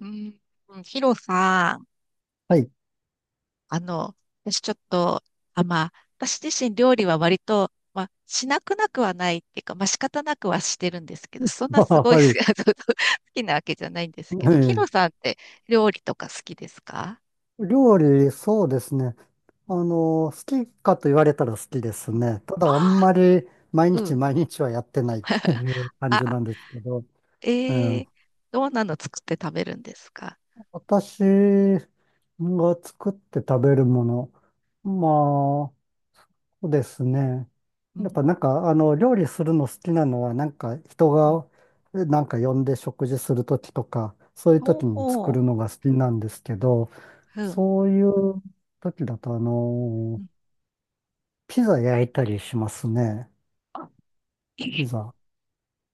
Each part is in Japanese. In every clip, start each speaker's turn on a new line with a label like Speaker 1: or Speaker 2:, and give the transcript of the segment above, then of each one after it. Speaker 1: うん。うん、ヒロさん。
Speaker 2: はい。
Speaker 1: あの、私ちょっと、あ、まあ、私自身料理は割と、まあ、しなくなくはないっていうか、まあ、仕方なくはしてるんですけど、そん なすごい
Speaker 2: はい。
Speaker 1: 好きなわけじゃないんですけ
Speaker 2: え
Speaker 1: ど、ヒ
Speaker 2: え
Speaker 1: ロさんって料理とか好きですか？
Speaker 2: 料理、そうですね。
Speaker 1: うん。
Speaker 2: 好きかと言われたら好きです
Speaker 1: うん。
Speaker 2: ね。ただ、あん
Speaker 1: あ
Speaker 2: まり毎
Speaker 1: う
Speaker 2: 日
Speaker 1: ん。
Speaker 2: 毎日はやってないっていう感じ
Speaker 1: あ、
Speaker 2: なんですけど、
Speaker 1: え
Speaker 2: うん、
Speaker 1: ー、どんなの作って食べるんですか？
Speaker 2: 私が作って食べるもの、そうですね。
Speaker 1: う
Speaker 2: やっ
Speaker 1: ん。
Speaker 2: ぱ料理するの好きなのは、なんか人
Speaker 1: うん。
Speaker 2: が、なんか呼んで食事するときとか、そういうと
Speaker 1: お
Speaker 2: きに作
Speaker 1: ー、
Speaker 2: るのが好きなんですけど、
Speaker 1: うん。
Speaker 2: そういうときだと、
Speaker 1: うん
Speaker 2: ピザ焼いたりしますね。
Speaker 1: あ、
Speaker 2: ピ
Speaker 1: え、
Speaker 2: ザ。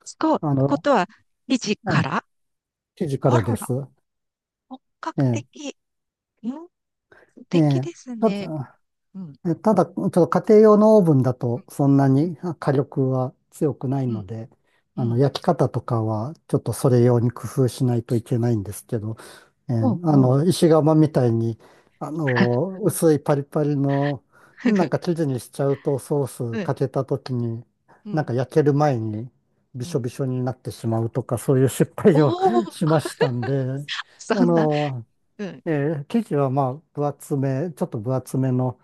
Speaker 1: 使う
Speaker 2: あ
Speaker 1: こ
Speaker 2: の、
Speaker 1: とは、生地
Speaker 2: あ
Speaker 1: か
Speaker 2: の、
Speaker 1: ら。
Speaker 2: 生地か
Speaker 1: あ
Speaker 2: ら
Speaker 1: ら
Speaker 2: で
Speaker 1: ら、
Speaker 2: す。
Speaker 1: 本
Speaker 2: え
Speaker 1: 格
Speaker 2: え、
Speaker 1: 的。うん、素
Speaker 2: え
Speaker 1: 敵
Speaker 2: え。
Speaker 1: です
Speaker 2: ちょっと
Speaker 1: ね。うん、
Speaker 2: ただ、ちょっと家庭用のオーブンだ
Speaker 1: うん、
Speaker 2: とそんなに火力は強くない
Speaker 1: う
Speaker 2: の
Speaker 1: ん、
Speaker 2: で、
Speaker 1: うん。
Speaker 2: あ
Speaker 1: う
Speaker 2: の、
Speaker 1: ん。
Speaker 2: 焼き方とかはちょっとそれ用に工夫しないといけないんですけど、
Speaker 1: ほうほう。
Speaker 2: 石窯みたいに、あの、薄いパリパリの、なんか 生地にしちゃうとソース
Speaker 1: うん、
Speaker 2: かけた時に、
Speaker 1: う
Speaker 2: なん
Speaker 1: ん、
Speaker 2: か焼ける前にび
Speaker 1: う
Speaker 2: しょ
Speaker 1: ん。
Speaker 2: びしょになってしまうとか、そういう失
Speaker 1: お
Speaker 2: 敗を
Speaker 1: お、
Speaker 2: しましたんで、
Speaker 1: そ
Speaker 2: あ
Speaker 1: んな。
Speaker 2: の、
Speaker 1: うん、
Speaker 2: え生地はまあ分厚め、ちょっと分厚めの、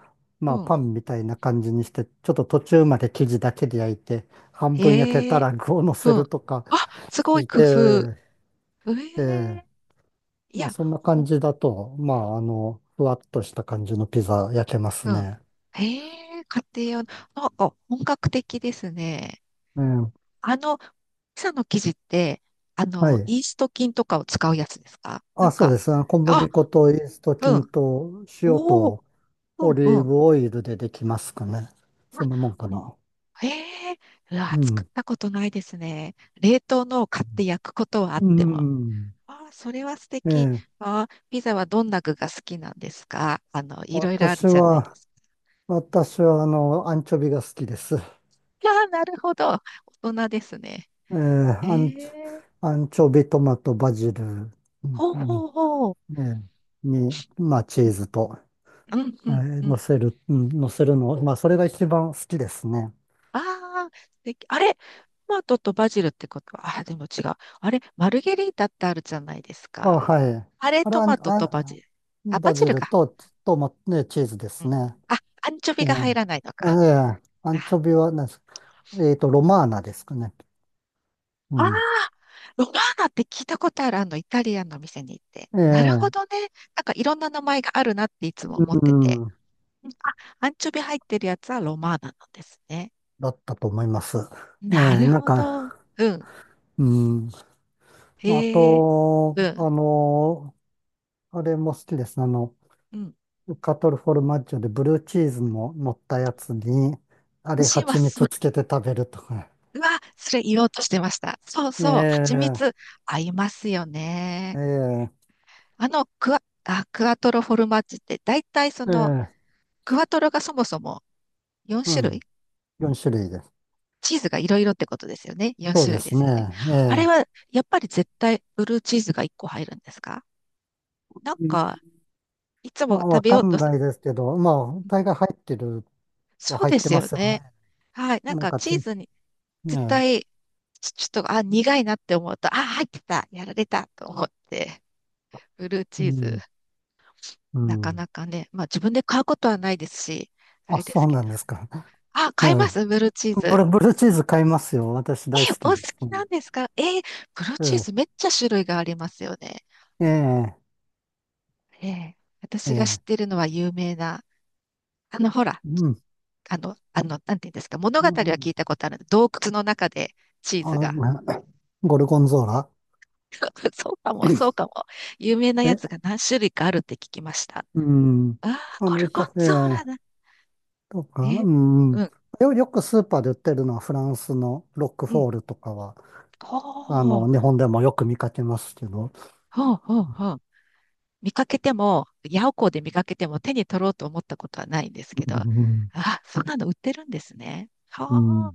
Speaker 1: う
Speaker 2: まあ
Speaker 1: ん。
Speaker 2: パンみたいな感じにして、ちょっと途中まで生地だけで焼いて、半分焼け
Speaker 1: へ
Speaker 2: た
Speaker 1: え、
Speaker 2: ら具を乗せ
Speaker 1: うん。
Speaker 2: るとか、
Speaker 1: あ、すごい
Speaker 2: い
Speaker 1: 工夫。
Speaker 2: え
Speaker 1: え
Speaker 2: ーえー
Speaker 1: え、い
Speaker 2: まあ
Speaker 1: や、
Speaker 2: そんな
Speaker 1: ほ
Speaker 2: 感
Speaker 1: ん、
Speaker 2: じだと、あの、ふわっとした感じのピザ焼けます
Speaker 1: うん。
Speaker 2: ね。
Speaker 1: へえ、家庭用の、なんか本格的ですね。
Speaker 2: うん。
Speaker 1: あの、ピザの生地って、
Speaker 2: はい。
Speaker 1: イースト菌とかを使うやつですか？な
Speaker 2: あ、
Speaker 1: ん
Speaker 2: そう
Speaker 1: か、
Speaker 2: ですね。小
Speaker 1: あ、
Speaker 2: 麦粉とイースト
Speaker 1: うん。
Speaker 2: 菌と塩
Speaker 1: おお、
Speaker 2: と
Speaker 1: う
Speaker 2: オ
Speaker 1: ん、
Speaker 2: リー
Speaker 1: うん。
Speaker 2: ブオイルでできますかね。そんなもんかな。
Speaker 1: ええ、うわ、
Speaker 2: う
Speaker 1: 作っ
Speaker 2: ん。
Speaker 1: たことないですね。冷凍のを買って焼くことはあっ
Speaker 2: う
Speaker 1: ても。
Speaker 2: ん。
Speaker 1: ああ、それは素
Speaker 2: え
Speaker 1: 敵。
Speaker 2: え。
Speaker 1: ああ、ピザはどんな具が好きなんですか？あの、いろいろある
Speaker 2: 私
Speaker 1: じゃないで
Speaker 2: は、
Speaker 1: す
Speaker 2: 私は、あの、アンチョビが好きです。
Speaker 1: か。ああ、なるほど。大人ですね。
Speaker 2: ー、
Speaker 1: え
Speaker 2: アンチ、
Speaker 1: え、
Speaker 2: アンチョビ、トマト、バジル、ん
Speaker 1: ほう
Speaker 2: うんね
Speaker 1: ほうほう。
Speaker 2: に、まあ、チ
Speaker 1: う
Speaker 2: ー
Speaker 1: ん、
Speaker 2: ズと、
Speaker 1: うん、うん。うん。
Speaker 2: 乗せるの、まあ、それが一番好きですね。
Speaker 1: ああ、素敵。あれ、トマトとバジルってことは、ああ、でも違う。あれ、マルゲリータってあるじゃないです
Speaker 2: あ、
Speaker 1: か。
Speaker 2: はい。
Speaker 1: あれ、
Speaker 2: あれ、
Speaker 1: ト
Speaker 2: あん、
Speaker 1: マトとバジ
Speaker 2: あ、
Speaker 1: ル。あ、バ
Speaker 2: バ
Speaker 1: ジ
Speaker 2: ジ
Speaker 1: ル
Speaker 2: ル
Speaker 1: か。
Speaker 2: と、チーズですね。
Speaker 1: あ、アンチョ
Speaker 2: え
Speaker 1: ビ
Speaker 2: ー、
Speaker 1: が入らないのか。
Speaker 2: あ、アンチョビは、なんですえっと、ロマーナですかね。う
Speaker 1: ああ、
Speaker 2: ん。
Speaker 1: ロマーナって聞いたことある、イタリアンの店に行って。なる
Speaker 2: え
Speaker 1: ほど
Speaker 2: え
Speaker 1: ね。なんかいろんな名前があるなっていつも思
Speaker 2: う
Speaker 1: ってて。
Speaker 2: ん、
Speaker 1: うん。あ、アンチョビ入ってるやつはロマーナなんですね。
Speaker 2: だったと思います。ええ
Speaker 1: なる
Speaker 2: なん
Speaker 1: ほど。
Speaker 2: か、
Speaker 1: うん。
Speaker 2: うん。まあ、あ
Speaker 1: へえ、
Speaker 2: と、
Speaker 1: うん。
Speaker 2: あの、あれも好きですね。あの、
Speaker 1: うん。
Speaker 2: カトルフォルマッジョでブルーチーズも乗ったやつに、あれ、
Speaker 1: 私は
Speaker 2: 蜂
Speaker 1: そ
Speaker 2: 蜜
Speaker 1: れ、
Speaker 2: つけて食べるとか。
Speaker 1: うわ、それ言おうとしてました。そうそう。蜂
Speaker 2: え
Speaker 1: 蜜
Speaker 2: え。
Speaker 1: 合いますよね。
Speaker 2: ええ。
Speaker 1: クワトロフォルマッジって、だいたいその、
Speaker 2: ええ。
Speaker 1: クワトロがそもそも4
Speaker 2: う
Speaker 1: 種類、
Speaker 2: ん。4種類です。
Speaker 1: チーズがいろいろってことですよね。4
Speaker 2: そう
Speaker 1: 種
Speaker 2: で
Speaker 1: 類で
Speaker 2: す
Speaker 1: す
Speaker 2: ね。
Speaker 1: よね。
Speaker 2: え
Speaker 1: あれは、
Speaker 2: え
Speaker 1: やっぱり絶対ブルーチーズが1個入るんですか？なん
Speaker 2: うん
Speaker 1: か、いつ
Speaker 2: ま
Speaker 1: も
Speaker 2: あ、
Speaker 1: 食
Speaker 2: わ
Speaker 1: べ
Speaker 2: か
Speaker 1: ようと
Speaker 2: ん
Speaker 1: する。
Speaker 2: ないですけど、まあ、大概入ってるは
Speaker 1: そう
Speaker 2: 入っ
Speaker 1: で
Speaker 2: て
Speaker 1: す
Speaker 2: ま
Speaker 1: よ
Speaker 2: すよ
Speaker 1: ね。
Speaker 2: ね。
Speaker 1: はい。な
Speaker 2: な
Speaker 1: ん
Speaker 2: ん
Speaker 1: か、
Speaker 2: か
Speaker 1: チ
Speaker 2: き、え
Speaker 1: ー
Speaker 2: え。
Speaker 1: ズに絶対、ちょっと、あ、苦いなって思うと、あ、入ってた、やられたと思って、ブルー
Speaker 2: う
Speaker 1: チーズ、
Speaker 2: ん、う
Speaker 1: なか
Speaker 2: ん。
Speaker 1: なかね、まあ自分で買うことはないですし、あ
Speaker 2: あ、
Speaker 1: れで
Speaker 2: そ
Speaker 1: す
Speaker 2: う
Speaker 1: けど。
Speaker 2: なんですか。
Speaker 1: あ、買いますブルーチー
Speaker 2: こ
Speaker 1: ズ。
Speaker 2: れブル、ブルーチーズ買いますよ。私大
Speaker 1: え、
Speaker 2: 好
Speaker 1: お
Speaker 2: きで
Speaker 1: 好
Speaker 2: す。
Speaker 1: きなんですか？え、ブルー
Speaker 2: う
Speaker 1: チー
Speaker 2: ん。
Speaker 1: ズめっちゃ種類がありますよね。
Speaker 2: ええ、
Speaker 1: ええ、
Speaker 2: え
Speaker 1: 私が知っ
Speaker 2: え、
Speaker 1: てるのは有名な、ほら、
Speaker 2: うん、
Speaker 1: なんていうんですか、物語
Speaker 2: う
Speaker 1: は
Speaker 2: ん、
Speaker 1: 聞いたことある。洞窟の中でチーズ
Speaker 2: あ、
Speaker 1: が。
Speaker 2: まゴルゴンゾーラ。
Speaker 1: そうかも、そうかも。有名なやつ
Speaker 2: え、
Speaker 1: が何種類かあるって聞きました。
Speaker 2: うん、
Speaker 1: ああ、ゴルゴン
Speaker 2: え
Speaker 1: ゾーラ
Speaker 2: え、
Speaker 1: だ。
Speaker 2: とか、
Speaker 1: え、
Speaker 2: う
Speaker 1: う
Speaker 2: ん、
Speaker 1: ん、
Speaker 2: よくスーパーで売ってるのはフランスのロック
Speaker 1: う
Speaker 2: フ
Speaker 1: ん。
Speaker 2: ォールとかは、あ
Speaker 1: ほう、
Speaker 2: の、日本でもよく見かけますけど、
Speaker 1: ほう、ほう、ほう。見かけても、ヤオコーで見かけても手に取ろうと思ったことはないんですけ
Speaker 2: う
Speaker 1: ど、あ
Speaker 2: ん、
Speaker 1: あ、そんなの売ってるんですね。
Speaker 2: うん、う
Speaker 1: はあ。
Speaker 2: ん。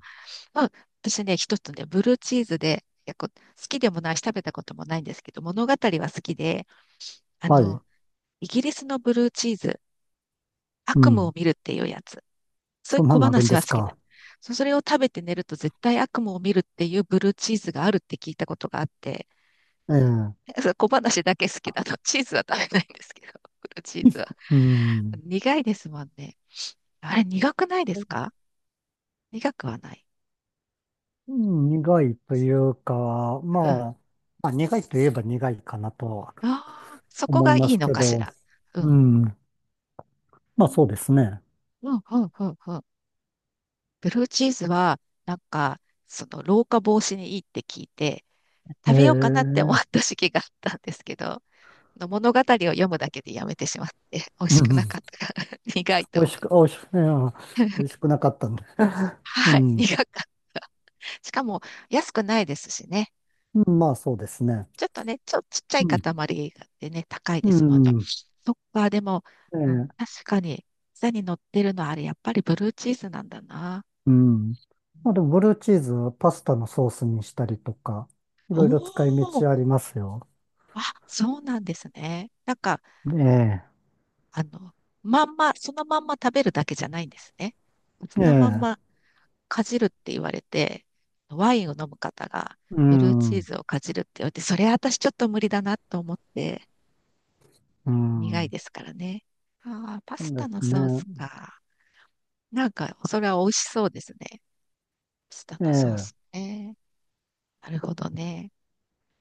Speaker 1: まあ、私ね、一つね、ブルーチーズで、いや、好きでもないし、食べたこともないんですけど、物語は好きで、あ
Speaker 2: はい、
Speaker 1: の、イギリスのブルーチーズ、
Speaker 2: う
Speaker 1: 悪夢を
Speaker 2: ん、
Speaker 1: 見るっていうやつ。そうい
Speaker 2: そ
Speaker 1: う
Speaker 2: んな
Speaker 1: 小
Speaker 2: のあるん
Speaker 1: 話
Speaker 2: で
Speaker 1: は好
Speaker 2: す
Speaker 1: きなの。
Speaker 2: か。
Speaker 1: それを食べて寝ると絶対悪夢を見るっていうブルーチーズがあるって聞いたことがあって、
Speaker 2: ええ、
Speaker 1: そう小話だけ好きなの。チーズは食べないんですけど、ブルーチーズは。
Speaker 2: うん、
Speaker 1: 苦いですもんね。あれ、苦くないですか？苦くはない。
Speaker 2: うん。苦いというか、
Speaker 1: うん。
Speaker 2: 苦いといえば苦いかなとは
Speaker 1: ああ、そこ
Speaker 2: 思い
Speaker 1: がい
Speaker 2: ま
Speaker 1: い
Speaker 2: す
Speaker 1: の
Speaker 2: け
Speaker 1: かし
Speaker 2: ど、
Speaker 1: ら。う
Speaker 2: う
Speaker 1: ん。
Speaker 2: ん。まあそうですね。
Speaker 1: うん、うん、うん、うん。ブルーチーズは、なんか、その、老化防止にいいって聞いて、
Speaker 2: ええ
Speaker 1: 食べようかなって思
Speaker 2: う
Speaker 1: っ
Speaker 2: ん
Speaker 1: た時期があったんですけど、の物語を読むだけでやめてしまって、美味
Speaker 2: う
Speaker 1: しく
Speaker 2: ん。
Speaker 1: なかったから、苦い
Speaker 2: 美
Speaker 1: と
Speaker 2: 味
Speaker 1: 思
Speaker 2: しく、
Speaker 1: う。
Speaker 2: あ美味しく、いや美味しくなかったんで。う
Speaker 1: はい、
Speaker 2: ん。
Speaker 1: 苦かった。しかも、安くないですしね。
Speaker 2: うん。まあそうですね。
Speaker 1: ちょっとね、ちっちゃ
Speaker 2: う
Speaker 1: い塊
Speaker 2: ん。
Speaker 1: でね、高い
Speaker 2: う
Speaker 1: ですもんね。
Speaker 2: ん。
Speaker 1: そっか、でも、うん、
Speaker 2: ええ
Speaker 1: 確かに、下に乗ってるのはあれ、やっぱりブルーチーズなんだな。
Speaker 2: うん。まあでもブルーチーズはパスタのソースにしたりとか、い
Speaker 1: お
Speaker 2: ろいろ使
Speaker 1: ー、
Speaker 2: い道ありますよ。
Speaker 1: あ、そうなんですね。なんか、
Speaker 2: え
Speaker 1: あの、そのまんま食べるだけじゃないんですね。そのまん
Speaker 2: え。え
Speaker 1: ま
Speaker 2: え。
Speaker 1: かじるって言われて、ワインを飲む方が、
Speaker 2: う
Speaker 1: ブルーチー
Speaker 2: ん。
Speaker 1: ズをかじるって言われて、それ私ちょっと無理だなと思って、
Speaker 2: う
Speaker 1: 苦い
Speaker 2: ん。
Speaker 1: ですからね。ああ、パ
Speaker 2: そ
Speaker 1: ス
Speaker 2: うで
Speaker 1: タの
Speaker 2: す
Speaker 1: ソース
Speaker 2: ね。
Speaker 1: か。なんか、それは美味しそうですね。パスタのソー
Speaker 2: え
Speaker 1: ス
Speaker 2: え。
Speaker 1: ね。なるほどね。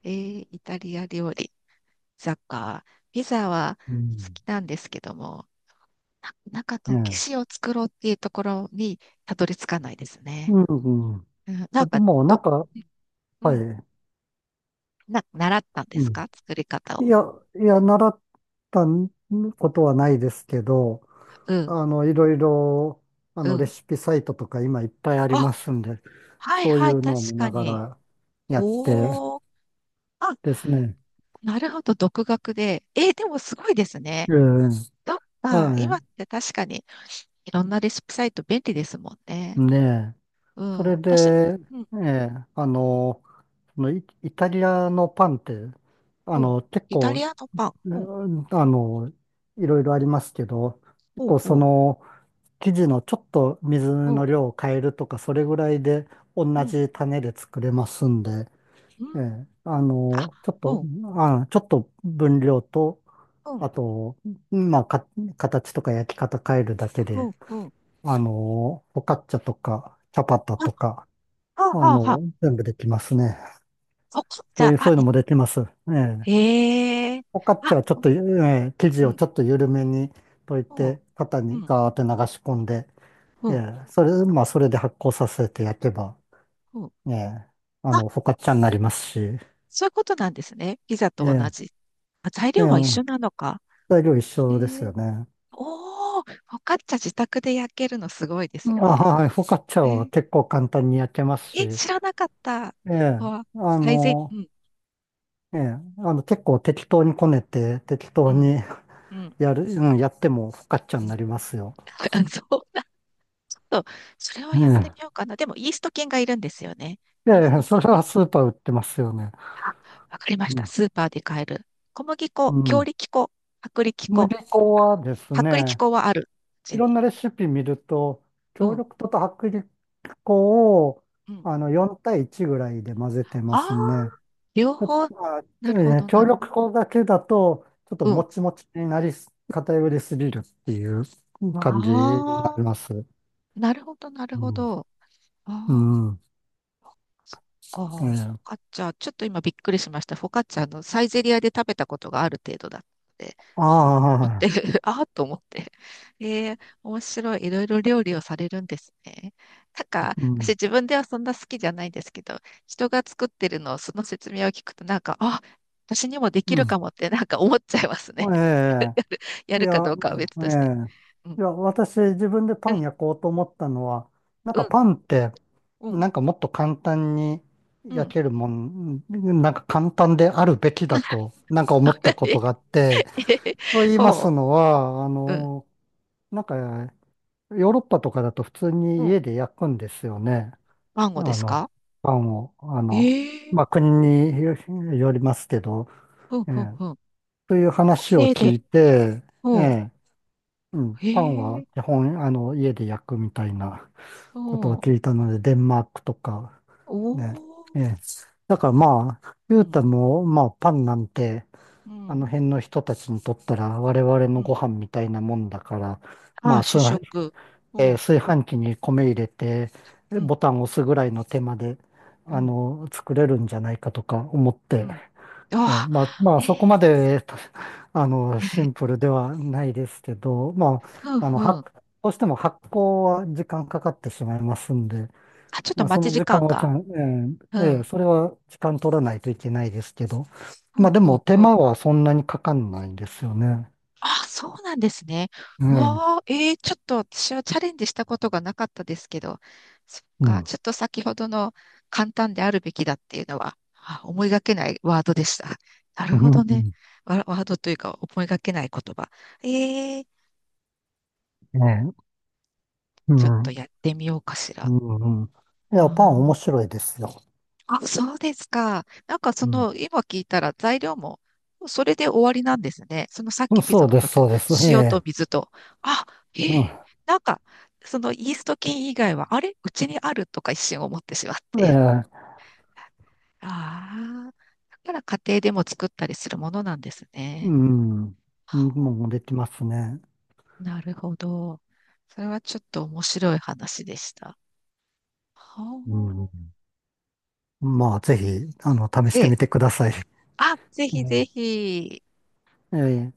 Speaker 1: イタリア料理、ピザか。ピザは
Speaker 2: う
Speaker 1: 好
Speaker 2: ん。
Speaker 1: きなんですけども、中の騎
Speaker 2: ええ。
Speaker 1: 士を作ろうっていうところにたどり着かないですね。
Speaker 2: うん。
Speaker 1: うん、な
Speaker 2: あ、
Speaker 1: ん
Speaker 2: で
Speaker 1: か、
Speaker 2: もな
Speaker 1: ど、
Speaker 2: んか、
Speaker 1: う
Speaker 2: は
Speaker 1: ん、
Speaker 2: い。
Speaker 1: 習ったんで
Speaker 2: う
Speaker 1: す
Speaker 2: ん。
Speaker 1: か、作り方
Speaker 2: い
Speaker 1: を？
Speaker 2: や、いや、習ったことはないですけど、
Speaker 1: うん、
Speaker 2: あの、いろいろ、あ
Speaker 1: う
Speaker 2: の、レ
Speaker 1: ん。
Speaker 2: シピサイトとか今いっぱいあり
Speaker 1: あ、
Speaker 2: ますんで、
Speaker 1: はい
Speaker 2: そうい
Speaker 1: はい、
Speaker 2: う
Speaker 1: 確
Speaker 2: のを見な
Speaker 1: か
Speaker 2: が
Speaker 1: に。
Speaker 2: らやって
Speaker 1: おー、あ、
Speaker 2: ですね。
Speaker 1: なるほど、独学で。でもすごいですね。
Speaker 2: ええ、
Speaker 1: どっか、今
Speaker 2: は
Speaker 1: って確かにいろんなレシピサイト便利ですもん
Speaker 2: い。
Speaker 1: ね。
Speaker 2: ねえ。
Speaker 1: う
Speaker 2: そ
Speaker 1: ん、
Speaker 2: れ
Speaker 1: 私、
Speaker 2: で、
Speaker 1: うん、
Speaker 2: ええ、あの、イタリアのパンって、あ
Speaker 1: うん、
Speaker 2: の、結
Speaker 1: イタリ
Speaker 2: 構、
Speaker 1: アのパン。
Speaker 2: う
Speaker 1: うん、
Speaker 2: んあの、いろいろありますけど、結
Speaker 1: ほう
Speaker 2: 構そ
Speaker 1: ほう、
Speaker 2: の、生地のちょっと水
Speaker 1: うん、
Speaker 2: の量を変えるとか、それぐらいで同
Speaker 1: うん、
Speaker 2: じ種で作れますんで、
Speaker 1: うん、
Speaker 2: ええ、あ
Speaker 1: あ、
Speaker 2: の、ちょっと、
Speaker 1: うん、
Speaker 2: ちょっと分量と、
Speaker 1: うん、
Speaker 2: あと、まあ、か、形とか焼き方変えるだけ
Speaker 1: う
Speaker 2: で、
Speaker 1: ん、うん。
Speaker 2: あの、フォカッチャとか、チャパタ
Speaker 1: あ、は
Speaker 2: とか、
Speaker 1: あ、
Speaker 2: あ
Speaker 1: はあ、はあ。
Speaker 2: の、全部できますね。
Speaker 1: そっか、じゃあ、あ、
Speaker 2: そういう
Speaker 1: い、
Speaker 2: のもできます。ええ。
Speaker 1: へえ。
Speaker 2: フォカッチ
Speaker 1: あ、
Speaker 2: ャはちょっ
Speaker 1: こ、
Speaker 2: と、ええ、生地
Speaker 1: う
Speaker 2: を
Speaker 1: ん、
Speaker 2: ちょっと緩めに溶い
Speaker 1: うん、
Speaker 2: て、型
Speaker 1: う
Speaker 2: に
Speaker 1: ん、
Speaker 2: ガーって流し込んで、
Speaker 1: う
Speaker 2: え
Speaker 1: ん、
Speaker 2: え、それ、まあ、それで発酵させて焼けば、
Speaker 1: うん。
Speaker 2: ええ、
Speaker 1: あ、
Speaker 2: フォカッチャになりますし、え
Speaker 1: そういうことなんですね。ピザと同
Speaker 2: え、
Speaker 1: じ。あ、材
Speaker 2: え
Speaker 1: 料は一緒
Speaker 2: え、
Speaker 1: なのか。
Speaker 2: 材料一
Speaker 1: へ
Speaker 2: 緒ですよ
Speaker 1: え。
Speaker 2: ね。
Speaker 1: おー、フォカッチャ自宅で焼けるのすごいです
Speaker 2: うんあ、
Speaker 1: ね。
Speaker 2: はい、フォカッチャ
Speaker 1: え
Speaker 2: は
Speaker 1: ー、
Speaker 2: 結構簡単に焼けますし、え
Speaker 1: 知らなかった。
Speaker 2: え、
Speaker 1: わ、
Speaker 2: あ
Speaker 1: 最善、
Speaker 2: の、
Speaker 1: うん、
Speaker 2: ええ、あの、結構適当にこねて、適
Speaker 1: う
Speaker 2: 当
Speaker 1: ん、
Speaker 2: に
Speaker 1: うん、
Speaker 2: やる、うん、やってもフォカッチャ
Speaker 1: う
Speaker 2: に
Speaker 1: ん。
Speaker 2: なりますよ。
Speaker 1: あ、そうなると それをやって
Speaker 2: え
Speaker 1: みようかな。でも、イースト菌がいるんですよね。
Speaker 2: え、
Speaker 1: イー
Speaker 2: え
Speaker 1: ス
Speaker 2: え、
Speaker 1: ト
Speaker 2: そ
Speaker 1: 菌
Speaker 2: れ
Speaker 1: ね。
Speaker 2: はスーパー売ってますよね。
Speaker 1: あ、わかりま
Speaker 2: う
Speaker 1: し
Speaker 2: ん、
Speaker 1: た。スーパーで買える。小麦
Speaker 2: う
Speaker 1: 粉、強
Speaker 2: ん。
Speaker 1: 力粉、薄力
Speaker 2: 小
Speaker 1: 粉。
Speaker 2: 麦粉はです
Speaker 1: あ、薄力
Speaker 2: ね、
Speaker 1: 粉はある、う
Speaker 2: い
Speaker 1: ち
Speaker 2: ろん
Speaker 1: に。
Speaker 2: なレシピ見ると、
Speaker 1: う
Speaker 2: 強
Speaker 1: ん。
Speaker 2: 力粉と薄力粉を
Speaker 1: うん。
Speaker 2: あの4対1ぐらいで混ぜてま
Speaker 1: ああ、
Speaker 2: すね。
Speaker 1: 両
Speaker 2: ちょっ
Speaker 1: 方。
Speaker 2: とまあ、
Speaker 1: な
Speaker 2: え
Speaker 1: るほ
Speaker 2: ー
Speaker 1: ど、な
Speaker 2: 強
Speaker 1: る。
Speaker 2: 力粉だけだと、ちょっと
Speaker 1: う
Speaker 2: も
Speaker 1: ん。
Speaker 2: ちもちになりす、偏りすぎるっていう感じにな
Speaker 1: わあ、
Speaker 2: ります。
Speaker 1: なるほど、なる
Speaker 2: う
Speaker 1: ほ
Speaker 2: ん。
Speaker 1: ど。
Speaker 2: う
Speaker 1: ああ。
Speaker 2: ん。
Speaker 1: そっか。フォ
Speaker 2: え
Speaker 1: カッ
Speaker 2: え。
Speaker 1: チャ、ちょっと今びっくりしました。フォカッチャのサイゼリアで食べたことがある程度だったので、はっ思っ
Speaker 2: ああ、
Speaker 1: て ああと思って。ええ、面白い。いろいろ料理をされるんですね。なんか、
Speaker 2: う
Speaker 1: 私
Speaker 2: ん。
Speaker 1: 自分ではそんな好きじゃないんですけど、人が作ってるのをその説明を聞くと、なんか、あ、私にもできる
Speaker 2: う
Speaker 1: かもってなんか思っちゃいますね。
Speaker 2: ん。
Speaker 1: や
Speaker 2: い
Speaker 1: るかど
Speaker 2: や、
Speaker 1: うかは別と
Speaker 2: え
Speaker 1: して。
Speaker 2: え。
Speaker 1: う
Speaker 2: い
Speaker 1: ん、
Speaker 2: や、私自分で
Speaker 1: う
Speaker 2: パン
Speaker 1: ん、
Speaker 2: 焼こうと思ったのは、なん
Speaker 1: う
Speaker 2: か
Speaker 1: ん、
Speaker 2: パンって、
Speaker 1: うん、
Speaker 2: なんかもっと簡単に
Speaker 1: う
Speaker 2: 焼
Speaker 1: ん。
Speaker 2: けるもん、なんか簡単であるべきだと、なんか思ったこ とがあって、と言います
Speaker 1: ほ
Speaker 2: のは、
Speaker 1: う、うん、
Speaker 2: ヨーロッパとかだと普通
Speaker 1: う
Speaker 2: に
Speaker 1: ん。
Speaker 2: 家で焼くんですよね。
Speaker 1: マンゴーで
Speaker 2: あ
Speaker 1: す
Speaker 2: の、
Speaker 1: か？
Speaker 2: パンを、あの、
Speaker 1: ええ、
Speaker 2: まあ、国によりますけど、
Speaker 1: ふん
Speaker 2: え
Speaker 1: ふん
Speaker 2: え、
Speaker 1: ふん。
Speaker 2: という話を
Speaker 1: で、
Speaker 2: 聞
Speaker 1: で、
Speaker 2: いて、え
Speaker 1: ほうん。
Speaker 2: えうん、パンは
Speaker 1: ええ、
Speaker 2: 基本、あの、家で焼くみたいな
Speaker 1: ほ
Speaker 2: こと
Speaker 1: う
Speaker 2: を聞
Speaker 1: ん。
Speaker 2: いたので、デンマークとか、
Speaker 1: お
Speaker 2: ね。
Speaker 1: お。
Speaker 2: ええ。だからまあ、
Speaker 1: う
Speaker 2: 言う
Speaker 1: ん、
Speaker 2: たも、まあ、パンなんて、
Speaker 1: う
Speaker 2: あ
Speaker 1: ん、う
Speaker 2: の
Speaker 1: ん。
Speaker 2: 辺の人たちにとったら、我々のご飯みたいなもんだから、
Speaker 1: あ
Speaker 2: まあ、
Speaker 1: あ、主
Speaker 2: 炊い。
Speaker 1: 食。
Speaker 2: えー
Speaker 1: ほ
Speaker 2: 炊飯器に米入れて、
Speaker 1: うん、うん、
Speaker 2: ボタンを押すぐらいの手間で、
Speaker 1: う
Speaker 2: あ
Speaker 1: ん、
Speaker 2: の、作れるんじゃないかとか思っ
Speaker 1: う
Speaker 2: て、
Speaker 1: ん。
Speaker 2: ええ、
Speaker 1: ああ、え
Speaker 2: そこま
Speaker 1: え、
Speaker 2: で、あの、シンプルではないですけど、
Speaker 1: ふん
Speaker 2: あ、あの、
Speaker 1: ふ
Speaker 2: 発、
Speaker 1: ん。
Speaker 2: どうしても発酵は時間かかってしまいますんで、
Speaker 1: あ、ちょっと
Speaker 2: まあ、
Speaker 1: 待
Speaker 2: そ
Speaker 1: ち
Speaker 2: の
Speaker 1: 時
Speaker 2: 時間
Speaker 1: 間
Speaker 2: はちゃ
Speaker 1: が。
Speaker 2: ん、
Speaker 1: う
Speaker 2: ええ、
Speaker 1: ん、
Speaker 2: それは時間取らないといけないですけど、
Speaker 1: ふ
Speaker 2: ま
Speaker 1: ん
Speaker 2: あ、で
Speaker 1: ふ
Speaker 2: も
Speaker 1: ん
Speaker 2: 手
Speaker 1: ふん。
Speaker 2: 間はそんなにかかんないんですよね。
Speaker 1: あ、そうなんですね。
Speaker 2: ええ、う
Speaker 1: う
Speaker 2: ん、
Speaker 1: わあ、ちょっと私はチャレンジしたことがなかったですけど、そっ
Speaker 2: う
Speaker 1: か、
Speaker 2: ん、
Speaker 1: ちょっと先ほどの簡単であるべきだっていうのは、あ、思いがけないワードでした。なる
Speaker 2: う
Speaker 1: ほ
Speaker 2: ん。
Speaker 1: どね。ワードというか、思いがけない言葉。えー、
Speaker 2: ええ、う
Speaker 1: ちょっと
Speaker 2: ん、
Speaker 1: やってみようかし
Speaker 2: う
Speaker 1: ら。
Speaker 2: ん、うん。い
Speaker 1: うー
Speaker 2: や、パン
Speaker 1: ん、
Speaker 2: 面白いですよ。
Speaker 1: あ、そうですか。なんかそ
Speaker 2: うん、
Speaker 1: の、今聞いたら材料も、それで終わりなんですね。そのさっ
Speaker 2: うん。
Speaker 1: きピザ
Speaker 2: そう
Speaker 1: の
Speaker 2: です、
Speaker 1: 時の
Speaker 2: そうです。え
Speaker 1: 塩と
Speaker 2: え、
Speaker 1: 水と。あ、えー
Speaker 2: うん、
Speaker 1: なんか、そのイースト菌以外は、あれうちにあるとか一瞬思ってしまって。
Speaker 2: ええ、
Speaker 1: ああ、だから家庭でも作ったりするものなんです
Speaker 2: う
Speaker 1: ね。
Speaker 2: ん。うん、
Speaker 1: ほ
Speaker 2: もうできますね。
Speaker 1: う、なるほど。それはちょっと面白い話でした。は
Speaker 2: うん。
Speaker 1: あ。
Speaker 2: まあ、ぜひ、あの、試して
Speaker 1: で、
Speaker 2: みてください。
Speaker 1: あ、ぜ
Speaker 2: う
Speaker 1: ひぜ
Speaker 2: ん。
Speaker 1: ひ。
Speaker 2: ええ。